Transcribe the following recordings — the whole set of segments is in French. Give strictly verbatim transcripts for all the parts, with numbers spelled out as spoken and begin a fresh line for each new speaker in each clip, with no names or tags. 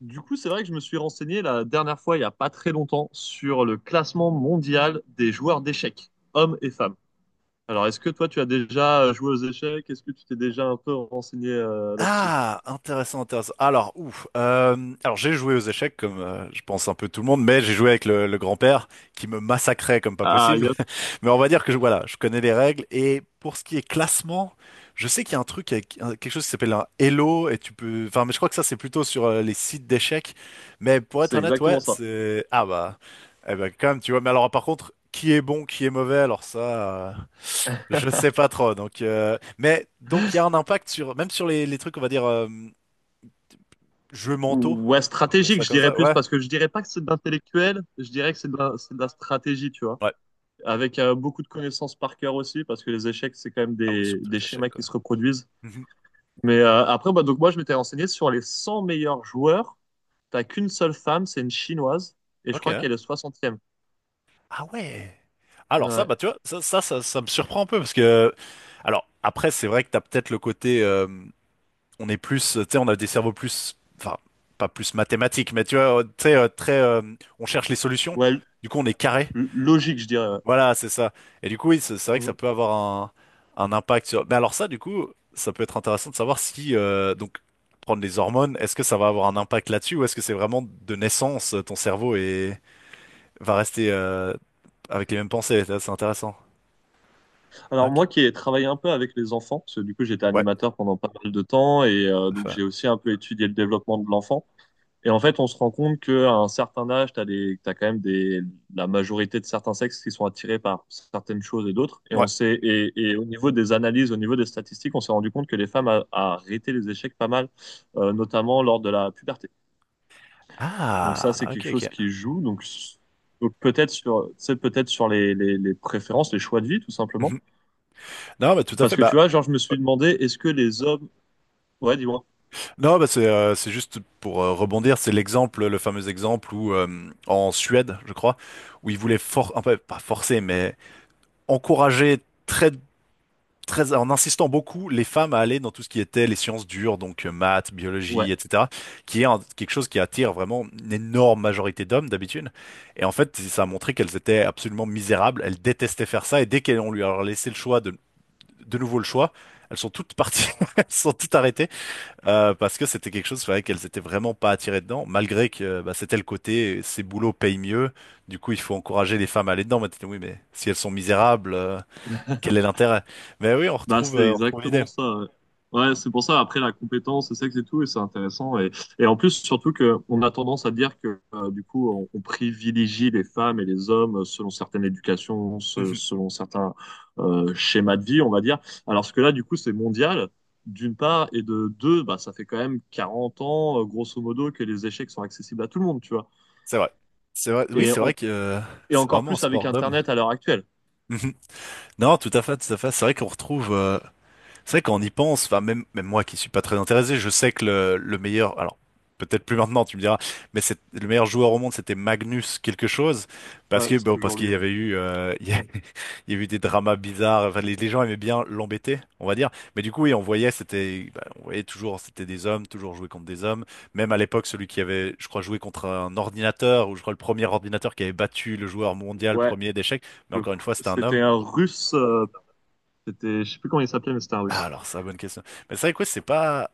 Du coup, c'est vrai que je me suis renseigné la dernière fois, il n'y a pas très longtemps, sur le classement mondial des joueurs d'échecs, hommes et femmes. Alors, est-ce que toi, tu as déjà joué aux échecs? Est-ce que tu t'es déjà un peu renseigné euh, là-dessus?
Ah, intéressant, intéressant. Alors, ouf. euh, alors, j'ai joué aux échecs comme euh, je pense un peu tout le monde, mais j'ai joué avec le, le grand-père qui me massacrait comme pas
Ah,
possible.
yes,
Mais on va dire que je, voilà, je connais les règles. Et pour ce qui est classement, je sais qu'il y a un truc avec un- quelque chose qui s'appelle un Elo et tu peux. Enfin, mais je crois que ça c'est plutôt sur euh, les sites d'échecs. Mais pour être
c'est
honnête,
exactement
ouais,
ça.
c'est ah bah, eh ben quand même, tu vois. Mais alors, par contre, qui est bon, qui est mauvais, alors ça. euh, Je sais pas trop. Donc, euh, mais donc il y a un impact sur même sur les, les trucs, on va dire euh, jeux mentaux,
Ou- Ouais,
appelons
stratégique,
ça
je
comme
dirais
ça.
plus,
Ouais,
parce que je dirais pas que c'est de l'intellectuel, je dirais que c'est de la, c'est de la stratégie, tu vois.
ouais.
Avec euh, beaucoup de connaissances par cœur aussi, parce que les échecs, c'est quand même
Ah ouais,
des,
sur tous
des
les échecs
schémas
quoi.
qui se reproduisent.
Mhm.
Mais euh, après, bah, donc moi, je m'étais renseigné sur les cent meilleurs joueurs. T'as qu'une seule femme, c'est une chinoise, et je
Ok,
crois
hein.
qu'elle est soixantième.
Ah ouais. Alors ça,
Ouais,
bah tu vois, ça, ça, ça, ça me surprend un peu parce que alors après c'est vrai que t'as peut-être le côté, euh, on est plus, tu sais, on a des cerveaux plus, enfin pas plus mathématiques, mais tu vois, euh, tu sais, euh, très, euh, on cherche les solutions.
ouais,
Du coup, on est carré.
l- logique, je dirais. Ouais.
Voilà, c'est ça. Et du coup, oui, c'est c'est vrai que ça
Mhm.
peut avoir un, un impact sur. Mais alors ça, du coup, ça peut être intéressant de savoir si euh, donc prendre les hormones, est-ce que ça va avoir un impact là-dessus ou est-ce que c'est vraiment de naissance ton cerveau et va rester euh, avec les mêmes pensées. Ça, c'est intéressant.
Alors
Ok.
moi qui ai travaillé un peu avec les enfants, parce que du coup j'étais
Ouais.
animateur pendant pas mal de temps, et euh, donc
Enfin,
j'ai aussi un peu étudié le développement de l'enfant. Et en fait, on se rend compte qu'à un certain âge, t'as des, t'as quand même des, la majorité de certains sexes qui sont attirés par certaines choses et d'autres. Et on
ouais.
sait, et, et au niveau des analyses, au niveau des statistiques, on s'est rendu compte que les femmes a- arrêtaient les échecs pas mal, euh, notamment lors de la puberté. Donc ça, c'est
Ah,
quelque
ok,
chose qui
ok.
joue. Donc, s- donc peut-être sur, c'est peut-être sur les, les, les préférences, les choix de vie, tout simplement.
Mhm. Non, mais tout à fait.
Parce que tu
Bah,
vois, genre, je me suis demandé, est-ce que les hommes... Ouais, dis-moi.
non, bah c'est euh, c'est juste pour euh, rebondir, c'est l'exemple, le fameux exemple où euh, en Suède, je crois, où ils voulaient for un peu pas forcer, mais encourager très très, en insistant beaucoup les femmes à aller dans tout ce qui était les sciences dures, donc euh, maths,
Ouais.
biologie, et cetera, qui est un- quelque chose qui attire vraiment une énorme majorité d'hommes d'habitude. Et en fait, ça a montré qu'elles étaient absolument misérables, elles détestaient faire ça, et dès qu'on lui a laissé le choix de, de nouveau le choix, elles sont toutes parties, elles sont toutes arrêtées, euh, parce que c'était quelque chose, c'est vrai qu'elles étaient vraiment pas attirées dedans, malgré que bah, c'était le côté, ces boulots payent mieux, du coup il faut encourager les femmes à aller dedans. Mais t'es- dit, oui, mais si elles sont misérables... euh, quel est l'intérêt? Mais oui, on
Bah,
retrouve,
c'est
euh, on retrouve l'idée.
exactement ça. Ouais, ouais, c'est pour ça, après, la compétence, le sexe et tout, et c'est intéressant. Et, et en plus, surtout que on a tendance à dire que, euh, du coup, on, on privilégie les femmes et les hommes selon certaines éducations, se-
Mhm.
selon certains euh, schémas de vie, on va dire. Alors ce que là, du coup, c'est mondial, d'une part, et de deux, bah, ça fait quand même quarante ans, euh, grosso modo, que les échecs sont accessibles à tout le monde, tu vois.
C'est vrai. C'est vrai. Oui,
Et,
c'est vrai
en-
que euh,
et
c'est
encore
vraiment un
plus avec
sport d'homme.
Internet à l'heure actuelle.
Mhm. Non, tout à fait, tout à fait. C'est vrai qu'on retrouve. euh, C'est vrai qu'on y pense, enfin même, même moi qui suis pas très intéressé, je sais que le, le meilleur, alors peut-être plus maintenant tu me diras, mais c'est le meilleur joueur au monde c'était Magnus quelque chose parce
Ouais,
que
c'est
bon, parce
toujours
qu'il
lui.
y
Ouais,
avait eu euh, il y a, il y a eu des dramas bizarres, enfin les, les gens aimaient bien l'embêter, on va dire, mais du coup oui on voyait c'était bah, on voyait toujours c'était des hommes, toujours jouer contre des hommes, même à l'époque celui qui avait je crois joué contre un ordinateur ou je crois le premier ordinateur qui avait battu le joueur mondial
ouais,
premier d'échecs, mais
le
encore une
pr-
fois c'était un
c'était
homme.
un Russe. euh, C'était, je sais plus comment il s'appelait, mais c'était un
Ah,
Russe.
alors ça bonne question. Mais c'est vrai que ouais, c'est pas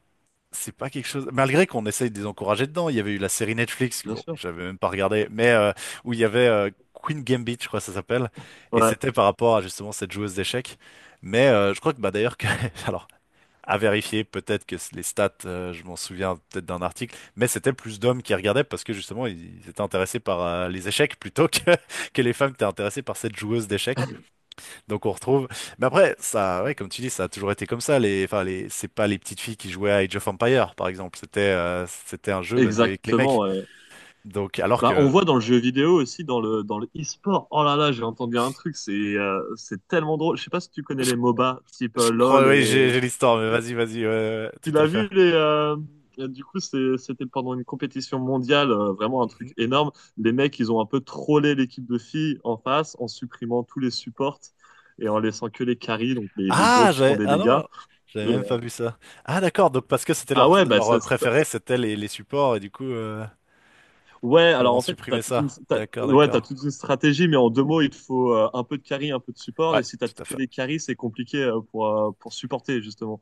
c'est pas quelque chose. Malgré qu'on essaye de les encourager dedans, il y avait eu la série Netflix, que
Bien
bon,
sûr.
j'avais même pas regardé, mais euh, où il y avait euh, Queen Gambit, je crois que ça s'appelle, et
Ouais,
c'était par rapport à justement cette joueuse d'échecs. Mais euh, je crois que bah d'ailleurs que, alors à vérifier, peut-être que les stats, euh, je m'en souviens peut-être d'un article, mais c'était plus d'hommes qui regardaient parce que justement ils étaient intéressés par euh, les échecs plutôt que que les femmes étaient intéressées par cette joueuse d'échecs. Donc on retrouve. Mais après, ça, ouais, comme tu dis, ça a toujours été comme ça. Les, enfin, les, c'est pas les petites filles qui jouaient à Age of Empires, par exemple. C'était, euh, c'était un jeu, bah, il y avait que les
exactement.
mecs.
Ouais.
Donc, alors
Bah, on
que,
voit dans le jeu vidéo aussi, dans le, dans le e-sport. Oh là là, j'ai entendu un truc, c'est euh, c'est tellement drôle. Je sais pas si tu connais
je,
les MOBA, type
je
euh, LOL
crois, oui, j'ai,
et.
j'ai l'histoire, mais vas-y, vas-y, ouais, ouais, ouais,
Tu
tout à
l'as
fait.
vu, les. euh, Du coup, c'est- c'était pendant une compétition mondiale, euh, vraiment un truc
Mhm.
énorme. Les mecs, ils ont un peu trollé l'équipe de filles en face en supprimant tous les supports et en laissant que les carries, donc les, les gros
Ah,
qui font
j'avais,
des
ah
dégâts.
non, j'avais
Et, euh,
même pas vu ça. Ah d'accord, donc parce que c'était
ah
leur,
ouais, bah
leur euh,
ça, ça,
préféré, c'était les, les supports et du coup, euh,
Ouais,
ils leur
alors
ont
en fait, t'as
supprimé
toute une,
ça.
t'as-
D'accord,
ouais, t'as
d'accord.
toute une stratégie, mais en deux mots, il te faut euh, un peu de carry, un peu de support.
Ouais,
Et si t'as
tout à
que
fait.
des carries, c'est compliqué euh, pour, euh, pour supporter, justement.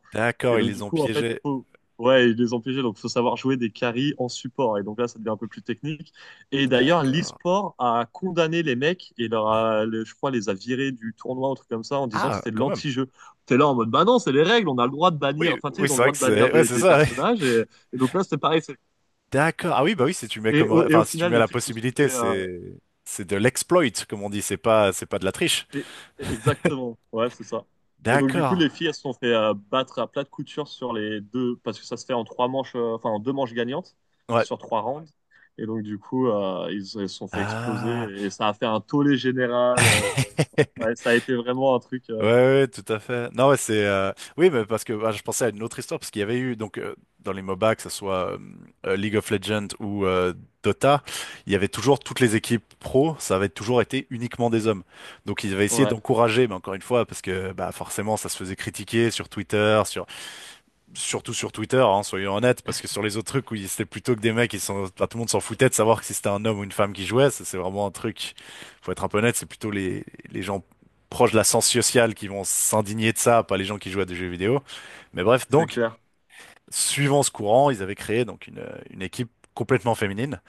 Et
D'accord, ils
donc,
les
du
ont
coup, en fait,
piégés.
faut, ouais, et les empêcher. Donc, faut savoir jouer des carries en support. Et donc là, ça devient un peu plus technique. Et d'ailleurs,
D'accord.
l'e-sport a condamné les mecs et leur a, le- je crois, les a virés du tournoi, un truc comme ça, en disant que
Ah,
c'était de
quand même.
l'anti-jeu. T'es là en mode, bah non, c'est les règles, on a le droit de bannir,
Oui,
enfin, tu sais,
oui,
ils ont
c'est
le
vrai
droit
que
de bannir
c'est, ouais,
des,
c'est
des
ça.
personnages. Et, et donc là, c'était pareil. c'est-
D'accord. Ah oui, bah oui, si tu mets
Et
comme, ré-
au, et au
enfin, si tu
final,
mets
les
la
filles se sont
possibilité,
fait. euh,
c'est, c'est de l'exploit, comme on dit. C'est pas, c'est pas de la triche.
Et- Exactement, ouais, c'est ça. Et donc, du coup, les
D'accord.
filles, elles se sont fait euh, battre à plat de couture sur les deux, parce que ça se fait en trois manches, euh, enfin, en deux manches gagnantes,
Ouais.
sur trois rounds. Et donc, du coup, euh, ils, elles se sont fait exploser
Ah.
et ça a fait un tollé général. Euh, ouais, ça a été vraiment un truc.
Ouais,
Euh,
ouais, ouais, tout à fait. Non, ouais, c'est, euh, oui, mais parce que bah, je pensais à une autre histoire parce qu'il y avait eu donc euh, dans les M O B A, que ce soit euh, euh, League of Legends ou euh, Dota, il y avait toujours toutes les équipes pro, ça avait toujours été uniquement des hommes. Donc ils avaient essayé
ouais,
d'encourager, mais encore une fois, parce que bah forcément, ça se faisait critiquer sur Twitter, sur surtout sur Twitter, hein, soyons honnêtes, parce que sur les autres trucs où il- c'était plutôt que des mecs, ils sont, enfin, tout le monde s'en foutait de savoir que si c'était un homme ou une femme qui jouait. Ça, c'est vraiment un truc. Faut être un peu honnête, c'est plutôt les les gens proches de la science sociale qui vont s'indigner de ça, pas les gens qui jouent à des jeux vidéo. Mais bref,
c'est
donc
clair,
suivant ce courant, ils avaient créé donc une une équipe complètement féminine.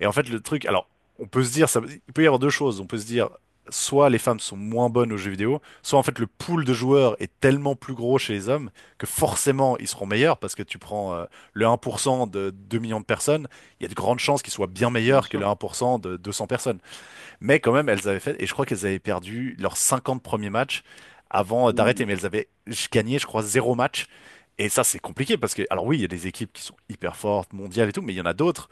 Et en fait, le truc, alors, on peut se dire, ça, il peut y avoir deux choses. On peut se dire, soit les femmes sont moins bonnes aux jeux vidéo, soit en fait le pool de joueurs est tellement plus gros chez les hommes que forcément ils seront meilleurs parce que tu prends euh, le un pour cent de deux millions de personnes, il y a de grandes chances qu'ils soient bien
bien
meilleurs que
sûr.
le un pour cent de deux cents personnes. Mais quand même, elles avaient fait, et je crois qu'elles avaient perdu leurs cinquante premiers matchs avant euh, d'arrêter,
Ouh.
mais elles avaient gagné, je crois, zéro match. Et ça, c'est compliqué parce que, alors oui, il y a des équipes qui sont hyper fortes, mondiales et tout, mais il y en a d'autres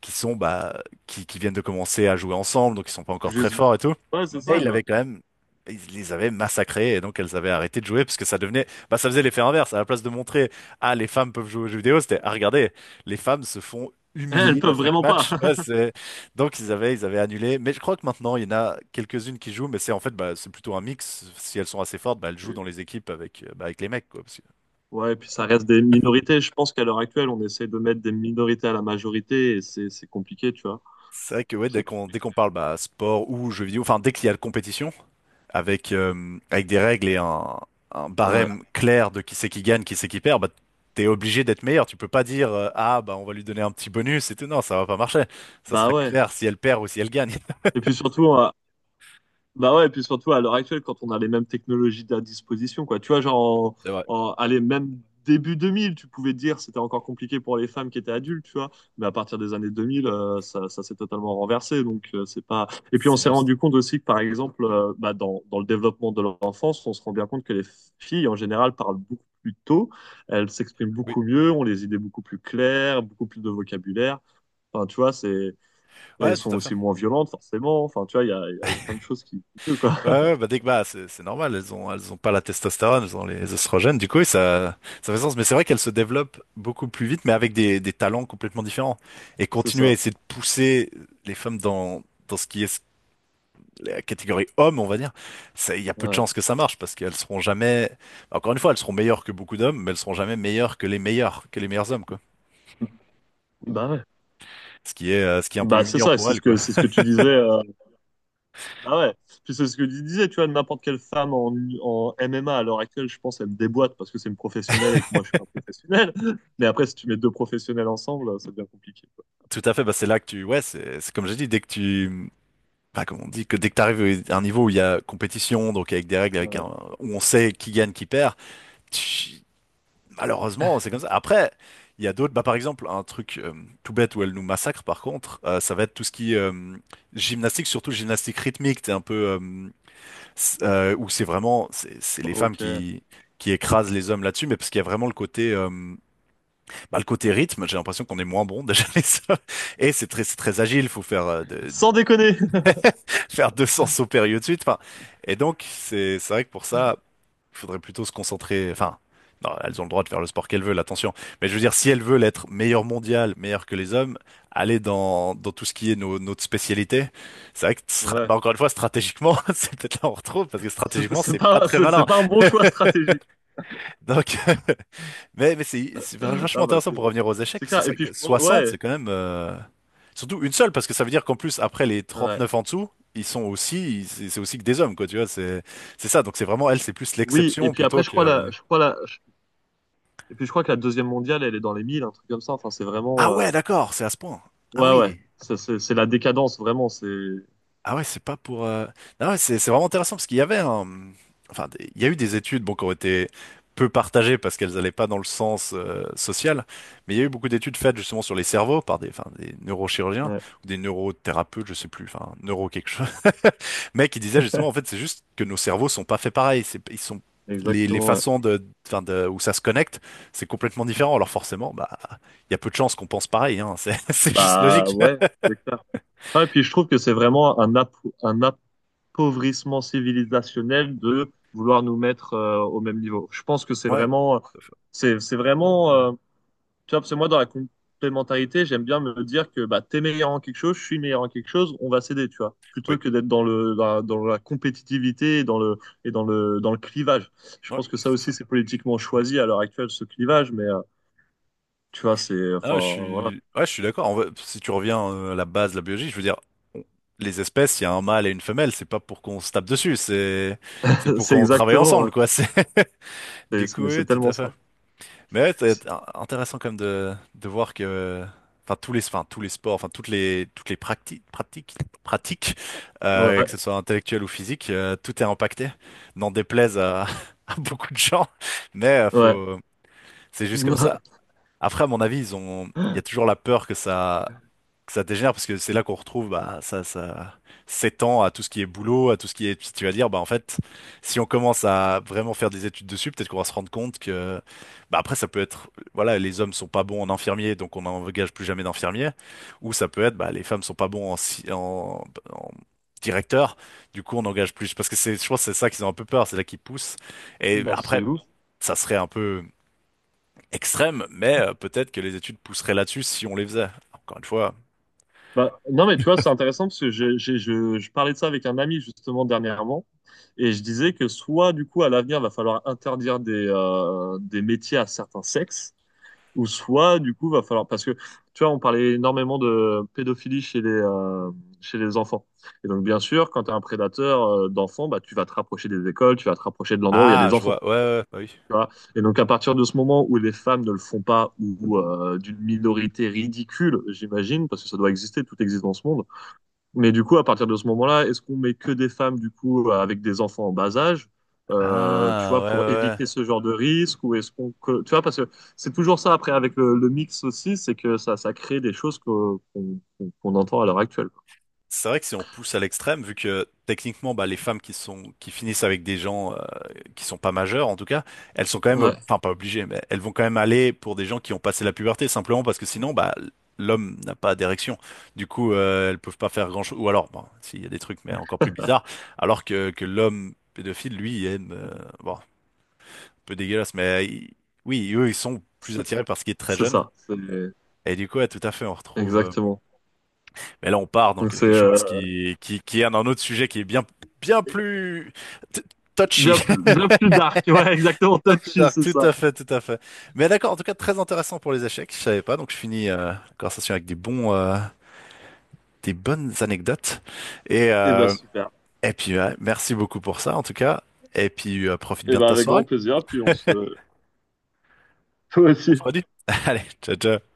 qui sont bah qui, qui viennent de commencer à jouer ensemble, donc ils sont pas encore très
Juste-
forts et tout.
Ouais, c'est
Mais
ça,
ils
quoi.
avaient quand même ils les avaient massacrés et donc elles avaient arrêté de jouer parce que ça devenait bah ça faisait l'effet inverse. À la place de montrer ah les femmes peuvent jouer aux jeux vidéo, c'était ah regardez les femmes se font
Eh, elles
humilier à
peuvent
chaque
vraiment pas.
match. Ouais, c'est- donc ils avaient ils avaient annulé. Mais je crois que maintenant il y en a quelques-unes qui jouent, mais c'est en fait bah c'est plutôt un mix. Si elles sont assez fortes, bah elles jouent dans les équipes avec euh, bah, avec les mecs quoi. Parce que-
Ouais, et puis ça reste des minorités. Je pense qu'à l'heure actuelle, on essaie de mettre des minorités à la majorité et c'est c'est compliqué, tu vois.
C'est vrai que ouais, dès
C'est
qu'on dès qu'on parle bah, sport ou jeux vidéo, enfin dès qu'il y a la compétition, avec, euh, avec des règles et un, un
ouais.
barème clair de qui c'est qui gagne, qui c'est qui perd, bah, t'es obligé d'être meilleur. Tu peux pas dire euh, ah bah on va lui donner un petit bonus et tout. Non, ça va pas marcher. Ça
Bah
sera
ouais.
clair si elle perd ou si elle gagne.
Et puis surtout, à... bah ouais, et puis surtout à l'heure actuelle, quand on a les mêmes technologies à disposition, quoi. Tu vois, genre,
C'est vrai,
en, en- allez, même début deux mille, tu pouvais dire c'était encore compliqué pour les femmes qui étaient adultes, tu vois. Mais à partir des années deux mille, euh, ça, ça s'est totalement renversé. Donc, euh, c'est pas. Et puis, on
c'est
s'est
juste.
rendu compte aussi que, par exemple, euh, bah, dans, dans le développement de l'enfance, on se rend bien compte que les filles, en général, parlent beaucoup plus tôt. Elles s'expriment
Oui,
beaucoup mieux, ont les idées beaucoup plus claires, beaucoup plus de vocabulaire. Enfin, tu vois, c'est et
ouais,
elles sont
tout à fait.
aussi moins violentes, forcément. Enfin, tu vois, il y a, il y a- il y a plein de choses qui qui jouent, quoi.
Ouais, ouais, bah dès que bah c'est c'est normal, elles ont elles ont pas la testostérone, elles ont les oestrogènes. Du coup, oui, ça ça fait sens, mais c'est vrai qu'elles se développent beaucoup plus vite, mais avec des des talents complètement différents. Et
C'est
continuer à
ça.
essayer de pousser les femmes dans dans ce qui est la catégorie homme, on va dire, ça- il y a peu de
Ouais.
chances que ça marche parce qu'elles seront jamais. Encore une fois, elles seront meilleures que beaucoup d'hommes, mais elles seront jamais meilleures que les meilleurs que les meilleurs hommes, quoi.
Bah ouais.
Ce qui est euh, ce qui est un peu
Bah c'est
humiliant
ça,
pour
c'est
elles,
ce
quoi.
que c'est ce que tu disais. euh, Bah ouais. Puis c'est ce que tu disais, tu vois, n'importe quelle femme en, en M M A à l'heure actuelle, je pense, elle me déboîte parce que c'est une professionnelle et que moi je suis pas professionnel. Mais après, si tu mets deux professionnels ensemble, ça devient compliqué, quoi.
Tout à fait, bah c'est là que tu ouais c'est c'est comme j'ai dit, dès que tu. Enfin, comme on dit que dès que tu arrives à un niveau où il y a compétition, donc avec des règles, avec un,
Ouais.
où on sait qui gagne, qui perd, tch, malheureusement, c'est comme ça. Après, il y a d'autres, bah, par exemple, un truc euh, tout bête où elle nous massacre, par contre, euh, ça va être tout ce qui est euh, gymnastique, surtout gymnastique rythmique, t'es un peu, euh, c- euh, où c'est vraiment, c'est c'est les femmes
Ok.
qui, qui écrasent les hommes là-dessus, mais parce qu'il y a vraiment le côté, euh, bah, le côté rythme, j'ai l'impression qu'on est moins bon déjà les hommes. Et c'est très, c'est très agile, faut faire euh, de-
Sans déconner.
faire deux cents sauts périlleux de suite. Enfin, et donc, c'est c'est vrai que pour ça, il faudrait plutôt se concentrer. Enfin, non, elles ont le droit de faire le sport qu'elles veulent, attention. Mais je veux dire, si elles veulent être meilleures mondiales, meilleures que les hommes, aller dans, dans tout ce qui est nos, notre spécialité, c'est vrai que, stra-
Ouais.
bah, encore une fois, stratégiquement, c'est peut-être là où on retrouve, parce que
C'est
stratégiquement,
c'est
c'est pas
pas
très
c'est c'est
malin.
pas un bon choix stratégique.
Donc, mais, mais c'est c'est vachement
Ah bah
intéressant pour
c'est
revenir aux échecs,
c'est
parce que
clair.
c'est
Et
vrai
puis
que
je pense-
soixante,
ouais.
c'est quand même. euh, Surtout une seule, parce que ça veut dire qu'en plus, après les
Ouais.
trente-neuf en dessous, ils sont aussi, c'est c'est aussi que des hommes, quoi, tu vois, c'est c'est ça. Donc c'est vraiment, elle, c'est plus
Oui. Et
l'exception
puis après,
plutôt
je crois
que...
la je crois la Et puis je crois que la deuxième mondiale, elle est dans les mille, un truc comme ça. Enfin, c'est vraiment.
Ah
euh,
ouais, d'accord, c'est à ce point. Ah
Ouais, ouais.
oui.
Ça, C'est c'est la décadence, vraiment. C'est.
Ah ouais, c'est pas pour. euh, Ah ouais, c'est c'est vraiment intéressant parce qu'il y avait un. Enfin, des- il y a eu des études bon, qui ont été peu partagées parce qu'elles n'allaient pas dans le sens euh, social, mais il y a eu beaucoup d'études faites justement sur les cerveaux par des, enfin, des neurochirurgiens
Ouais,
ou des neurothérapeutes, je sais plus, enfin, neuro quelque chose, mais qui disaient justement en fait c'est juste que nos cerveaux sont pas faits pareil, c'est, ils sont les, les
exactement, ouais.
façons de, enfin, de, où ça se connecte, c'est complètement différent. Alors forcément, bah, il y a peu de chances qu'on pense pareil, hein, c'est c'est juste
Bah,
logique.
ouais, c'est clair. Ah, et puis je trouve que c'est vraiment un, ap- un appauvrissement civilisationnel de vouloir nous mettre euh, au même niveau. Je pense que c'est
Ouais,
vraiment.
tout à fait.
C'est c'est vraiment. euh, Tu vois, parce que moi, dans la complémentarité, j'aime bien me dire que bah, t'es meilleur en quelque chose, je suis meilleur en quelque chose, on va s'aider, tu vois, plutôt
Oui,
que d'être dans le, dans la, dans la compétitivité et dans le, et dans le, dans le clivage. Je
ouais,
pense que
tout
ça
à fait.
aussi, c'est politiquement choisi à l'heure actuelle, ce clivage, mais euh, tu vois, c'est,
Ah,
enfin,
je
voilà,
suis, ouais, je suis d'accord. En vrai, si tu reviens euh, à la base de la biologie, je veux dire, les espèces, il y a un mâle et une femelle, c'est pas pour qu'on se tape dessus, c'est, c'est pour
c'est
qu'on travaille
exactement, ouais.
ensemble, quoi. C'est, du
C'est-
coup,
mais c'est
oui, tout
tellement
à
ça.
fait. Mais ouais, c'est
C'est-
in- intéressant quand même de, de voir que, enfin, tous les, enfin, tous les sports, enfin, toutes les, toutes les pratiques, pratiques, pratiques, euh, que ce
Ouais,
soit intellectuel ou physique, euh, tout est impacté. N'en déplaise à, à beaucoup de gens, mais euh,
ouais.
faut, c'est juste comme ça. Après, à mon avis, ils ont, il y a toujours la peur que ça que ça dégénère parce que c'est là qu'on retrouve bah, ça, ça s'étend à tout ce qui est boulot, à tout ce qui est. Si tu vas dire, bah en fait, si on commence à vraiment faire des études dessus, peut-être qu'on va se rendre compte que, bah après, ça peut être, voilà, les hommes sont pas bons en infirmier, donc on n'engage plus jamais d'infirmiers, ou ça peut être, bah les femmes sont pas bons en, si- en, en directeur, du coup on n'engage plus. Parce que c'est, je pense, que c'est ça qu'ils ont un peu peur, c'est là qu'ils poussent. Et
Bah,
après,
c'est ouf.
ça serait un peu extrême, mais euh, peut-être que les études pousseraient là-dessus si on les faisait. Encore une fois.
Bah, non, mais tu vois, c'est intéressant parce que je, j'ai- je, je parlais de ça avec un ami justement dernièrement et je disais que soit du coup à l'avenir va falloir interdire des, euh, des métiers à certains sexes ou soit du coup va falloir parce que tu vois, on parlait énormément de pédophilie chez les, euh, chez les enfants. Et donc, bien sûr, quand tu es un prédateur euh, d'enfants, bah, tu vas te rapprocher des écoles, tu vas te rapprocher de l'endroit où il y a
Ah,
des
je
enfants.
vois. Ouais, ouais, ouais, bah oui.
Tu vois. Et donc, à partir de ce moment où les femmes ne le font pas ou euh, d'une minorité ridicule, j'imagine, parce que ça doit exister, tout existe dans ce monde, mais du coup, à partir de ce moment-là, est-ce qu'on met que des femmes, du coup, euh, avec des enfants en bas âge, euh, tu
Ah,
vois,
ouais,
pour
ouais,
éviter
ouais.
ce genre de risque, ou est-ce qu'on, que- tu vois, parce que c'est toujours ça après avec le, le mix aussi, c'est que ça, ça crée des choses que- qu'on qu'on- qu'on entend à l'heure actuelle. Quoi.
C'est vrai que si on pousse à l'extrême, vu que techniquement, bah, les femmes qui sont qui finissent avec des gens euh, qui sont pas majeurs, en tout cas, elles sont quand même, ob-
Ouais,
enfin pas obligées, mais elles vont quand même aller pour des gens qui ont passé la puberté, simplement parce que sinon, bah, l'homme n'a pas d'érection. Du coup, euh, elles peuvent pas faire grand-chose. Ou alors, bon, s'il y a des trucs, mais encore plus bizarres, alors que que l'homme pédophile, lui, il aime, euh, bon, un peu dégueulasse, mais il- oui, eux, ils sont plus
c'est
attirés par ce qui est très
c'est
jeune.
ça, c'est
Et du coup, ouais, tout à fait, on retrouve. euh,
exactement.
Mais là, on part dans
Donc c'est
quelque chose
euh,
qui, qui, qui est un, autre sujet qui est bien, bien plus t- touchy,
bien plus, bien plus dark, ouais, exactement,
bien plus
touchy,
dark.
c'est
Tout
ça.
à fait, tout à fait. Mais d'accord, en tout cas, très intéressant pour les échecs. Je savais pas, donc je finis euh, la conversation avec des bons, euh, des bonnes anecdotes. Et,
Et ben
euh,
super.
et puis, ouais, merci beaucoup pour ça, en tout cas. Et puis, euh, profite
Et
bien de
ben
ta
avec
soirée.
grand plaisir, puis on se, toi
On
aussi.
se redit. Allez, ciao, ciao.